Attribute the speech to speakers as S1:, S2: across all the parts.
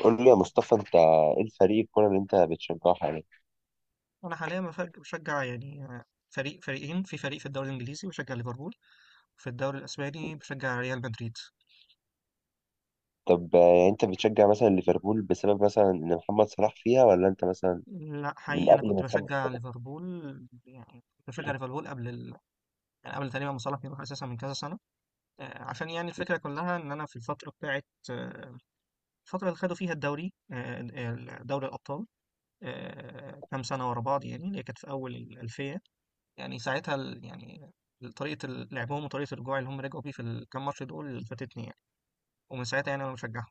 S1: قول لي يا مصطفى، انت ايه الفريق الكوره اللي انت بتشجعه حاليا؟
S2: انا حاليا بشجع فريقين في الدوري الانجليزي بشجع ليفربول، وفي الدوري الاسباني بشجع ريال مدريد.
S1: طب يعني انت بتشجع مثلا ليفربول بسبب مثلا ان محمد صلاح فيها، ولا انت مثلا
S2: لا
S1: من
S2: حقيقي انا
S1: قبل
S2: كنت
S1: ما محمد
S2: بشجع
S1: صلاح؟
S2: ليفربول. كنت بشجع ليفربول قبل ال... يعني قبل تقريبا ما صلاح يروح اساسا من كذا سنه. عشان الفكره كلها ان انا في الفتره بتاعت الفتره اللي خدوا فيها دوري الابطال، كام سنه ورا بعض يعني اللي هي كانت في اول الالفيه. يعني ساعتها ال- يعني طريقه لعبهم وطريقه الرجوع اللي هم رجعوا بيه في الكام ماتش دول فاتتني يعني. ومن ساعتها يعني انا بشجعهم.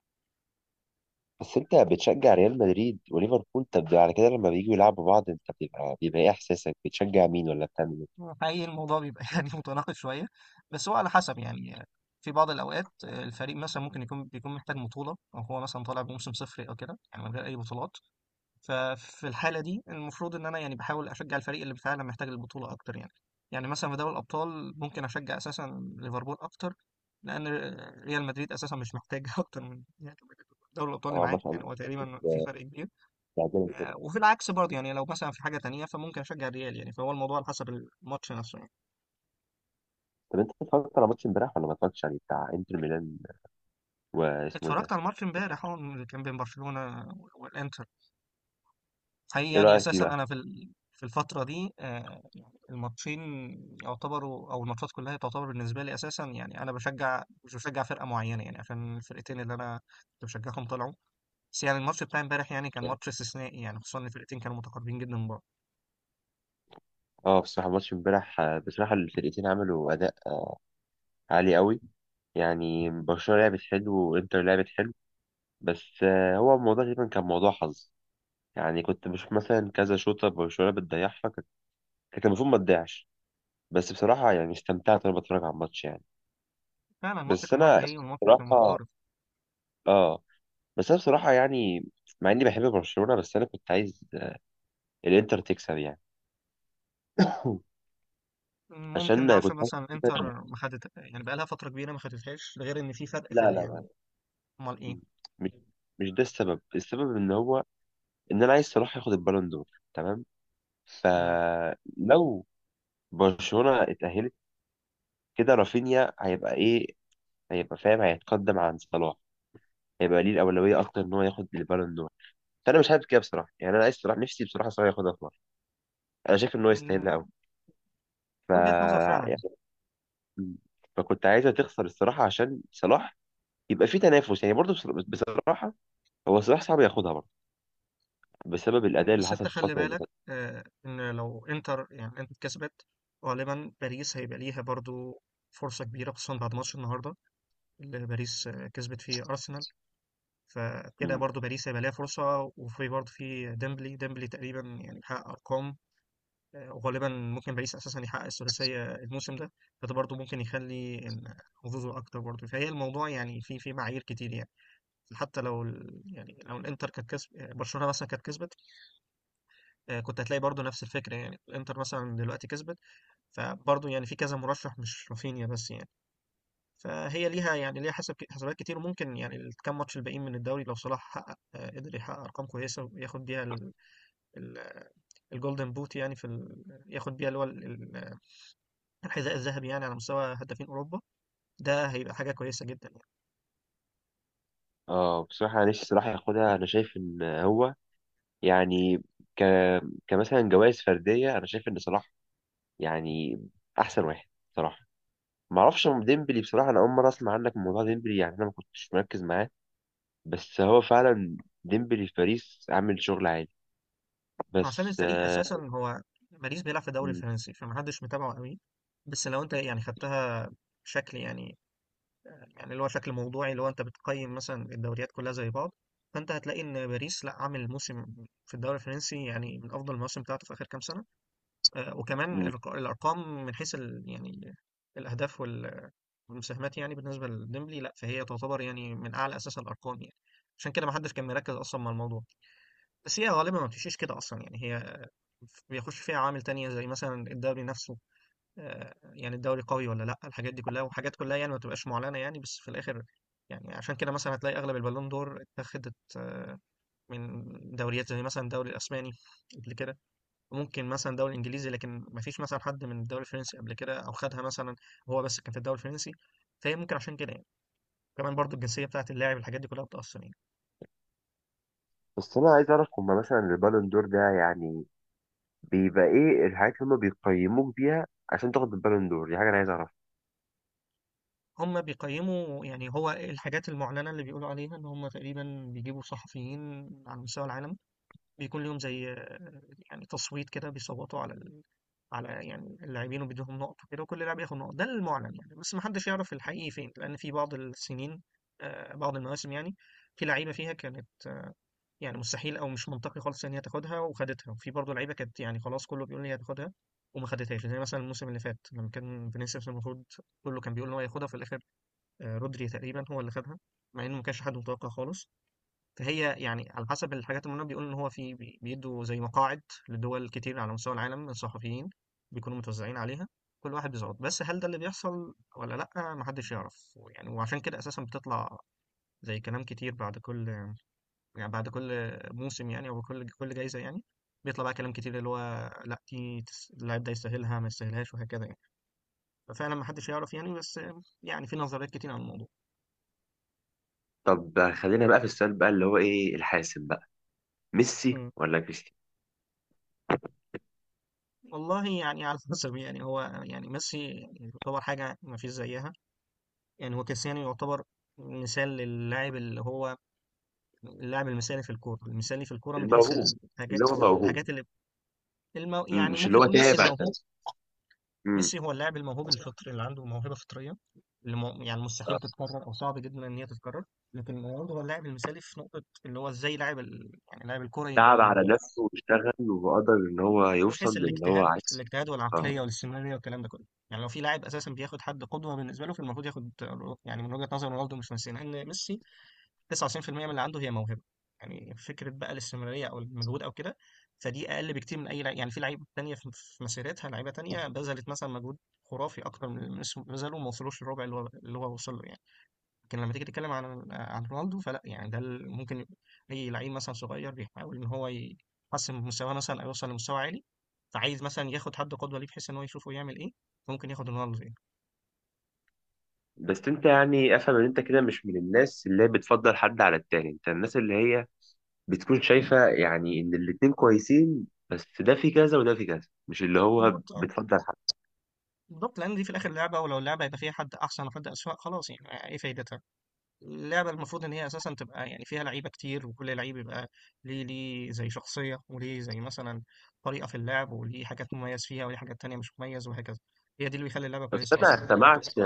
S1: بس انت بتشجع ريال مدريد وليفربول، طب على كده لما بييجوا يلعبوا بعض انت بيبقى ايه احساسك؟ بتشجع مين ولا بتعمل ايه؟
S2: حقيقي الموضوع بيبقى يعني متناقض شويه، بس هو على حسب يعني. في بعض الاوقات الفريق مثلا ممكن يكون محتاج بطوله، او هو مثلا طالع بموسم صفري او كده يعني من غير اي بطولات. ففي الحاله دي المفروض ان انا يعني بحاول اشجع الفريق اللي فعلا محتاج البطوله اكتر يعني. يعني مثلا في دوري الابطال ممكن اشجع اساسا ليفربول اكتر، لان ريال مدريد اساسا مش محتاج اكتر من يعني دوري الابطال اللي
S1: اه، ما
S2: معاه،
S1: شاء
S2: يعني
S1: الله.
S2: هو تقريبا في
S1: آه،
S2: فرق كبير.
S1: بتعجبني كده.
S2: وفي العكس برضه، يعني لو مثلا في حاجه تانية فممكن اشجع الريال يعني، فهو الموضوع على حسب الماتش نفسه يعني.
S1: طب انت اتفرجت على ماتش امبارح ولا ما اتفرجتش عليه، بتاع انتر ميلان؟ واسمه ايه
S2: اتفرجت
S1: ده؟
S2: على الماتش امبارح اه اللي كان بين برشلونه والانتر. حقيقي
S1: ايه
S2: يعني
S1: رايك فيه
S2: اساسا
S1: بقى؟
S2: انا في الفتره دي يعني الماتشين يعتبروا او الماتشات كلها تعتبر بالنسبه لي اساسا. يعني انا مش بشجع فرقه معينه يعني، عشان الفرقتين اللي انا كنت بشجعهم طلعوا. بس يعني الماتش بتاع امبارح يعني كان ماتش استثنائي، يعني خصوصا ان الفرقتين كانوا متقاربين جدا من بعض.
S1: اه، بصراحه ماتش امبارح، بصراحه الفرقتين عملوا اداء عالي قوي. يعني برشلونة لعبت حلو وانتر لعبت حلو. بس هو الموضوع تقريبا كان موضوع حظ. يعني كنت بشوف مثلا كذا شوطة برشلونة بتضيعها، كانت المفروض ما تضيعش. بس بصراحة يعني استمتعت وانا بتفرج على الماتش يعني.
S2: فعلا الماتش
S1: بس
S2: كان رايح
S1: انا
S2: جاي والماتش كان
S1: بصراحة
S2: متقارب.
S1: اه بس انا بصراحة يعني مع اني بحب برشلونة، بس انا كنت عايز الانتر تكسب يعني.
S2: ممكن ده
S1: عشان
S2: عشان
S1: كنت
S2: مثلا
S1: كده-
S2: انتر ما خدت يعني، بقالها فترة كبيرة ما خدتهاش، ده غير ان في فرق
S1: لا لا لا،
S2: يعني. امال ايه.
S1: مش مش ده السبب. السبب ان هو ان انا عايز صلاح ياخد البالون دور، تمام؟
S2: مم.
S1: فلو برشلونة اتأهلت كده رافينيا هيبقى ايه؟ هيبقى فاهم، هيتقدم عن صلاح، هيبقى ليه الأولوية أكتر إن هو ياخد البالون دور. فأنا مش حابب كده بصراحة، يعني أنا عايز صلاح، نفسي بصراحة صلاح ياخدها في مرة. أنا شايف إن هو يستاهلها
S2: مم.
S1: أوي. ف
S2: وجهة نظر فعلا.
S1: يعني- فكنت عايزها تخسر الصراحة عشان صلاح يبقى في تنافس، يعني برضه بصراحة هو صلاح صعب ياخدها برضه بسبب
S2: مم.
S1: الأداء اللي
S2: بس انت
S1: حصل في
S2: خلي
S1: الفترة اللي
S2: بالك
S1: فاتت.
S2: ان لو انتر كسبت، غالبا باريس هيبقى ليها برضو فرصة كبيرة، خصوصا بعد ماتش النهاردة اللي باريس كسبت فيه أرسنال. فكده
S1: مم.
S2: برضو باريس هيبقى ليها فرصة، وفي برضو في ديمبلي، ديمبلي تقريبا يعني بيحقق أرقام. وغالبا ممكن باريس اساسا يحقق الثلاثيه الموسم ده، فده برضو ممكن يخلي ان حظوظه اكتر برضو. فهي الموضوع يعني في معايير كتير يعني. حتى لو لو الانتر كانت كسب، برشلونه مثلا كانت كسبت، كنت هتلاقي برضو نفس الفكره. يعني الانتر مثلا دلوقتي كسبت، فبرضو يعني في كذا مرشح مش رافينيا بس يعني. فهي ليها يعني ليها حسب حسابات كتير. وممكن يعني الكام ماتش الباقيين من الدوري لو صلاح حقق قدر يحقق ارقام كويسه وياخد بيها ال- الجولدن بوت، يعني ياخد بيها اللي هو ال- الحذاء الذهبي يعني على مستوى هدافين أوروبا، ده هيبقى حاجة كويسة جدا يعني.
S1: اه، بصراحة أنا نفسي صلاح ياخدها. أنا شايف إن هو يعني ك... كمثلا جوائز فردية أنا شايف إن صلاح يعني احسن واحد بصراحه. ما اعرفش عن ديمبلي بصراحه، انا اول مره اسمع عنك من موضوع ديمبلي، يعني انا ما كنتش مركز معاه. بس هو فعلا ديمبلي في باريس عامل شغل عالي.
S2: عشان
S1: بس
S2: الفريق أساسا هو باريس بيلعب في الدوري
S1: م-
S2: الفرنسي، فمحدش متابعه قوي. بس لو أنت يعني خدتها بشكل يعني، يعني اللي هو شكل موضوعي، اللي هو أنت بتقيم مثلا الدوريات كلها زي بعض، فأنت هتلاقي إن باريس لا عامل موسم في الدوري الفرنسي يعني من أفضل المواسم بتاعته في آخر كام سنة. آه، وكمان
S1: م-
S2: الرق- الارقام من حيث الاهداف والمساهمات يعني. بالنسبه لديمبلي لا، فهي تعتبر يعني من اعلى اساسا الارقام يعني، عشان كده ما حدش كان مركز اصلا مع الموضوع. بس هي غالبا ما بتمشيش كده اصلا، يعني هي بيخش فيها عوامل تانية زي مثلا الدوري نفسه، يعني الدوري قوي ولا لا، الحاجات دي كلها وحاجات كلها يعني ما تبقاش معلنه يعني، بس في الاخر يعني. عشان كده مثلا هتلاقي اغلب البالون دور اتخذت من دوريات زي مثلا الدوري الاسباني قبل كده، ممكن مثلًا دوري إنجليزي، لكن ما فيش مثلًا حد من الدوري الفرنسي قبل كده أو خدها مثلًا وهو بس كان في الدوري الفرنسي، فهي ممكن عشان كده يعني. وكمان برضه الجنسية بتاعة اللاعب الحاجات دي كلها بتأثّر يعني.
S1: بس انا عايز اعرف هما مثلا البالون دور ده يعني بيبقى ايه الحاجات اللي هما بيقيموك بيها عشان تاخد البالون دور؟ دي حاجه انا عايز اعرفها.
S2: هم بيقيّموا، يعني هو الحاجات المعلنة اللي بيقولوا عليها إن هم تقريبًا بيجيبوا صحفيين على مستوى العالم، بيكون ليهم زي يعني تصويت كده، بيصوّتوا على يعني اللاعبين، وبيدّوهم نُقَط وكده، وكل لاعب ياخد نُقَط. ده المُعلن يعني، بس ما حدّش يعرف الحقيقي فين، لإن في بعض السنين بعض المواسم يعني، في لعيبة فيها كانت يعني مستحيل او مش منطقي خالص ان هي تاخدها وخدتها، وفي برضه لعيبه كانت يعني خلاص كله بيقول لي هتاخدها وما خدتهاش، زي مثلا الموسم اللي فات لما كان فينيسيوس المفروض كله كان بيقول ان هو ياخدها في الاخر، رودري تقريبا هو اللي خدها، مع انه ما كانش حد متوقع خالص. فهي يعني على حسب الحاجات اللي هم بيقولوا ان هو بيدوا زي مقاعد لدول كتير على مستوى العالم من صحفيين بيكونوا متوزعين عليها، كل واحد بيظبط. بس هل ده اللي بيحصل ولا لا محدش يعرف يعني، وعشان كده اساسا بتطلع زي كلام كتير بعد كل موسم يعني، أو كل جايزة يعني، بيطلع بقى كلام كتير اللي هو لا اللاعب ده يستاهلها، ما يستاهلهاش، وهكذا يعني. ففعلا ما حدش يعرف يعني، بس يعني في نظريات كتير عن الموضوع.
S1: طب خلينا بقى في السؤال بقى اللي هو ايه الحاسم بقى، ميسي
S2: مم.
S1: ولا كريستيانو؟
S2: والله يعني على حسب يعني. هو يعني ميسي يعني يعتبر حاجة ما فيش زيها. يعني هو كريستيانو يعتبر مثال للاعب اللي هو اللاعب المثالي في الكورة، المثالي في الكورة من حيث
S1: الموهوب،
S2: الحاجات
S1: اللي هو موهوب.
S2: الحاجات اللي يعني
S1: مش اللي
S2: ممكن
S1: هو
S2: نقول
S1: تعب
S2: ميسي الموهوب.
S1: عشان؟
S2: ميسي هو اللاعب الموهوب الفطري اللي عنده موهبه فطريه اللي يعني مستحيل
S1: مم.
S2: تتكرر او صعب جدا ان هي تتكرر. لكن رونالدو هو اللاعب المثالي في نقطه اللي هو ازاي لاعب يعني لاعب الكوره يبقى
S1: تعب على نفسه واشتغل وقدر ان
S2: يعني
S1: هو
S2: من حيث
S1: يوصل للي هو
S2: الاجتهاد
S1: عايزه.
S2: الاجتهاد
S1: اه.
S2: والعقليه والاستمراريه والكلام ده كله. يعني لو في لاعب اساسا بياخد حد قدوه بالنسبه له، فالمفروض ياخد يعني من وجهه نظر رونالدو مش ميسي، لان ميسي 99% من اللي عنده هي موهبه يعني، فكره بقى الاستمراريه او المجهود او كده، فدي اقل بكتير من اي لعيب يعني. في لعيبه تانية في مسيرتها لعيبه تانية بذلت مثلا مجهود خرافي اكتر من اللي بذله، وما وصلوش للربع اللي هو وصل له يعني. لكن لما تيجي تتكلم عن رونالدو فلا يعني، ده ممكن يبقى اي لعيب مثلا صغير بيحاول ان هو يحسن من مستواه مثلا او يوصل لمستوى عالي، فعايز مثلا ياخد حد قدوه ليه بحيث ان هو يشوفه يعمل ايه، فممكن ياخد رونالدو يعني.
S1: بس انت يعني افهم ان انت كده مش من الناس اللي هي بتفضل حد على التاني، انت الناس اللي هي بتكون شايفة يعني ان الاتنين كويسين، بس ده في كذا وده في كذا، مش اللي هو
S2: بالضبط، اه،
S1: بتفضل حد.
S2: بالضبط، لان دي في الاخر لعبه، ولو اللعبه يبقى فيها حد احسن وحد اسوء، خلاص يعني ايه فايدتها؟ اللعبة المفروض إن هي أساسا تبقى يعني فيها لعيبة كتير، وكل لعيب يبقى ليه زي شخصية، وليه زي مثلا طريقة في اللعب، وليه حاجات مميز فيها، وليه حاجات تانية مش مميز، وهكذا. هي دي اللي بيخلي اللعبة
S1: بس
S2: كويسة أصلا.
S1: انا
S2: لكن
S1: سمعت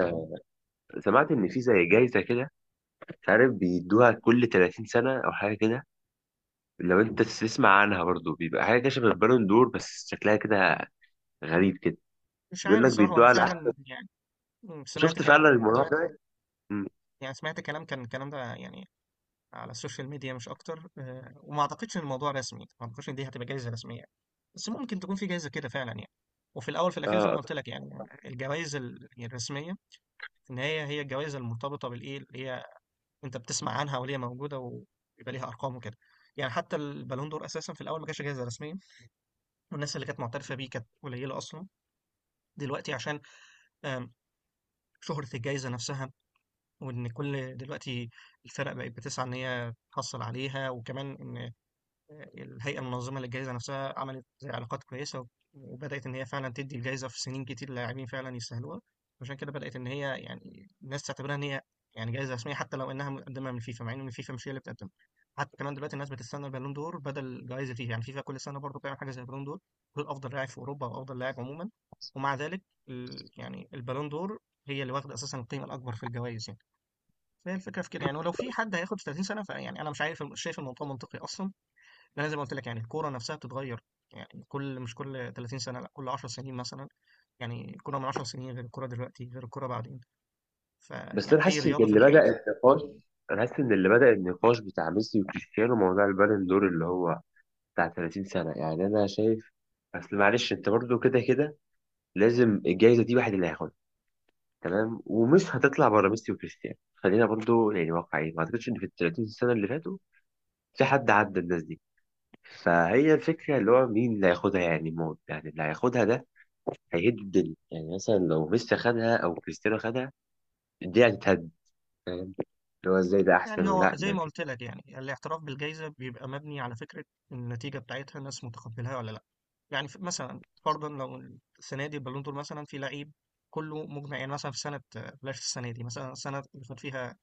S1: سمعت ان في زي جايزة كده، مش عارف، بيدوها كل 30 سنة او حاجة كده. لو انت تسمع عنها برضو، بيبقى حاجة كده شبه البالون دور بس شكلها كده غريب كده.
S2: مش
S1: بيقول
S2: عارف
S1: لك
S2: الصراحة، وأنا
S1: بيدوها على،
S2: فعلا يعني سمعت
S1: شفت فعلا
S2: كلام،
S1: الموضوع ده؟
S2: يعني سمعت كلام كان الكلام ده يعني على السوشيال ميديا مش أكتر. وما أعتقدش إن الموضوع رسمي، ما أعتقدش إن دي هتبقى جايزة رسمية، بس ممكن تكون في جايزة كده فعلا يعني. وفي الاول في الاخير زي ما
S1: اه.
S2: قلت لك يعني، الجوائز الرسميه في النهايه هي الجوائز المرتبطه بالايه اللي هي أنت بتسمع عنها وليه موجودة ويبقى ليها أرقام وكده يعني. حتى البالون دور أساسا في الأول ما كانش جايزة رسمية، والناس اللي كانت معترفة بيه كانت قليلة أصلا. دلوقتي عشان آم، شهرة الجايزة نفسها، وإن كل دلوقتي الفرق بقت بتسعى إن هي تحصل عليها، وكمان إن الهيئة المنظمة للجائزة نفسها عملت زي علاقات كويسة، وبدأت إن هي فعلا تدي الجائزة في سنين كتير لاعبين فعلا يستاهلوها، عشان كده بدأت إن هي يعني الناس تعتبرها إن هي يعني جائزة رسمية، حتى لو إنها مقدمة من فيفا، مع إن فيفا مش هي اللي بتقدمها. حتى كمان دلوقتي الناس بتستنى البالون دور بدل جائزة فيفا، يعني فيفا كل سنة برضه بتعمل حاجة زي البالون دور، دول أفضل لاعب في أوروبا أو أفضل لاعب عموما. ومع ذلك البالون دور هي اللي واخدة أساسا القيمة الأكبر في الجوائز يعني. فهي الفكرة في كده يعني. ولو في حد هياخد في 30 سنة، فيعني أنا مش عارف، شايف الموضوع منطقي أصلا؟ لأن زي ما قلت لك يعني الكورة نفسها بتتغير، يعني مش كل 30 سنة لأ، كل 10 سنين مثلا. يعني الكورة من 10 سنين غير الكورة دلوقتي غير الكورة بعدين،
S1: بس
S2: فيعني
S1: انا
S2: أي
S1: حاسس ان
S2: رياضة في
S1: اللي بدأ
S2: الدنيا أصلا.
S1: النقاش انا حاسس ان اللي بدأ النقاش بتاع ميسي وكريستيانو موضوع البالون دور اللي هو بتاع 30 سنة. يعني انا شايف، اصل معلش انت برضو كده كده لازم الجائزة دي واحد اللي هياخدها، تمام؟ ومش هتطلع بره ميسي وكريستيانو، خلينا برضو يعني واقعيين، ما اعتقدش ان في ال 30 سنة اللي فاتوا في حد عدى الناس دي. فهي الفكرة اللي هو مين اللي هياخدها يعني، موت، يعني اللي هياخدها ده هيهد الدنيا، يعني مثلا لو ميسي خدها او كريستيانو خدها الدنيا هتتهد، فاهم؟ اللي هو ازاي ده احسن
S2: يعني هو
S1: ولا
S2: زي
S1: ده
S2: ما قلت
S1: كده.
S2: لك يعني، الاعتراف بالجائزة بيبقى مبني على فكرة النتيجة بتاعتها، الناس متقبلها ولا لأ. يعني مثلا فرضا لو السنة دي البالون دور مثلا في لعيب كله مجمع يعني، مثلا في سنة، بلاش السنة دي، مثلا السنة اللي فات فيها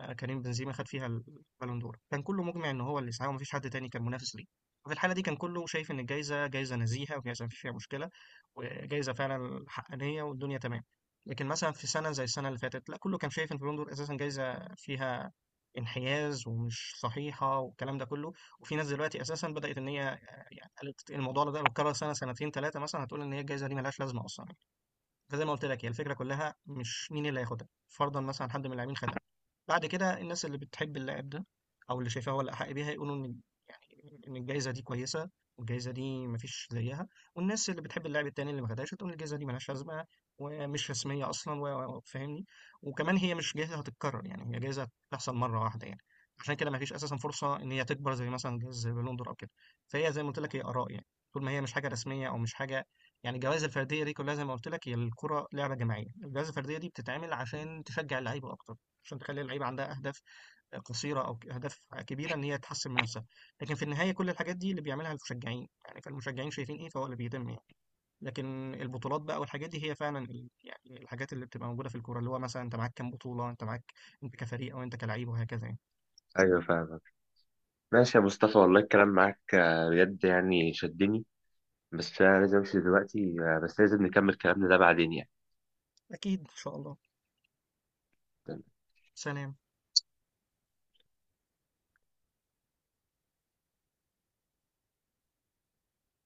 S2: كريم بنزيما خد فيها البالون دور، كان كله مجمع ان هو اللي سعاه ومفيش حد تاني كان منافس ليه، ففي الحاله دي كان كله شايف ان الجايزه جايزه نزيهه وجايزه مفيش فيها مشكله وجايزه فعلا حقانيه والدنيا تمام. لكن مثلا في سنه زي السنه اللي فاتت لا، كله كان شايف ان البالون دور اساسا جايزه فيها انحياز ومش صحيحه والكلام ده كله. وفي ناس دلوقتي اساسا بدات ان هي يعني قالت الموضوع ده لو اتكرر سنة سنتين ثلاثة مثلا، هتقول ان هي الجايزه دي ملهاش لازمه اصلا. فزي ما قلت لك هي الفكره كلها مش مين اللي هياخدها، فرضا مثلا حد من اللاعبين خدها، بعد كده الناس اللي بتحب اللاعب ده او اللي شايفاه هو الاحق بيها يقولوا ان يعني ان الجائزه دي كويسه والجائزه دي مفيش زيها، والناس اللي بتحب اللاعب التاني اللي ما خدهاش تقول الجائزه دي ملهاش لازمه ومش رسميه اصلا، وفاهمني. وكمان هي مش جائزه هتتكرر، يعني هي جائزه بتحصل مره واحده يعني، عشان كده مفيش اساسا فرصه ان هي تكبر زي مثلا جائزه زي بالون دور او كده. فهي زي ما قلت لك هي اراء يعني، طول ما هي مش حاجه رسميه او مش حاجه، يعني الجوائز الفرديه دي كلها زي ما قلت لك. هي الكره لعبه جماعيه، الجوائز الفرديه دي بتتعمل عشان تشجع اللعيبه اكتر، عشان تخلي اللعيبه عندها اهداف، قصيره او اهداف كبيره ان هي تحسن من نفسها. لكن في النهايه كل الحاجات دي اللي بيعملها المشجعين يعني، فالمشجعين شايفين ايه فهو اللي بيتم يعني. لكن البطولات بقى والحاجات دي هي فعلا يعني الحاجات اللي بتبقى موجوده في الكوره، اللي هو مثلا انت معاك كام بطوله، انت معاك انت كفريق او انت كلعيب، وهكذا يعني.
S1: ايوه، فاهمك. ماشي يا مصطفى، والله الكلام معاك بجد يعني شدني، بس انا لازم امشي دلوقتي، بس لازم نكمل كلامنا ده بعدين يعني.
S2: اكيد ان شاء الله. سلام.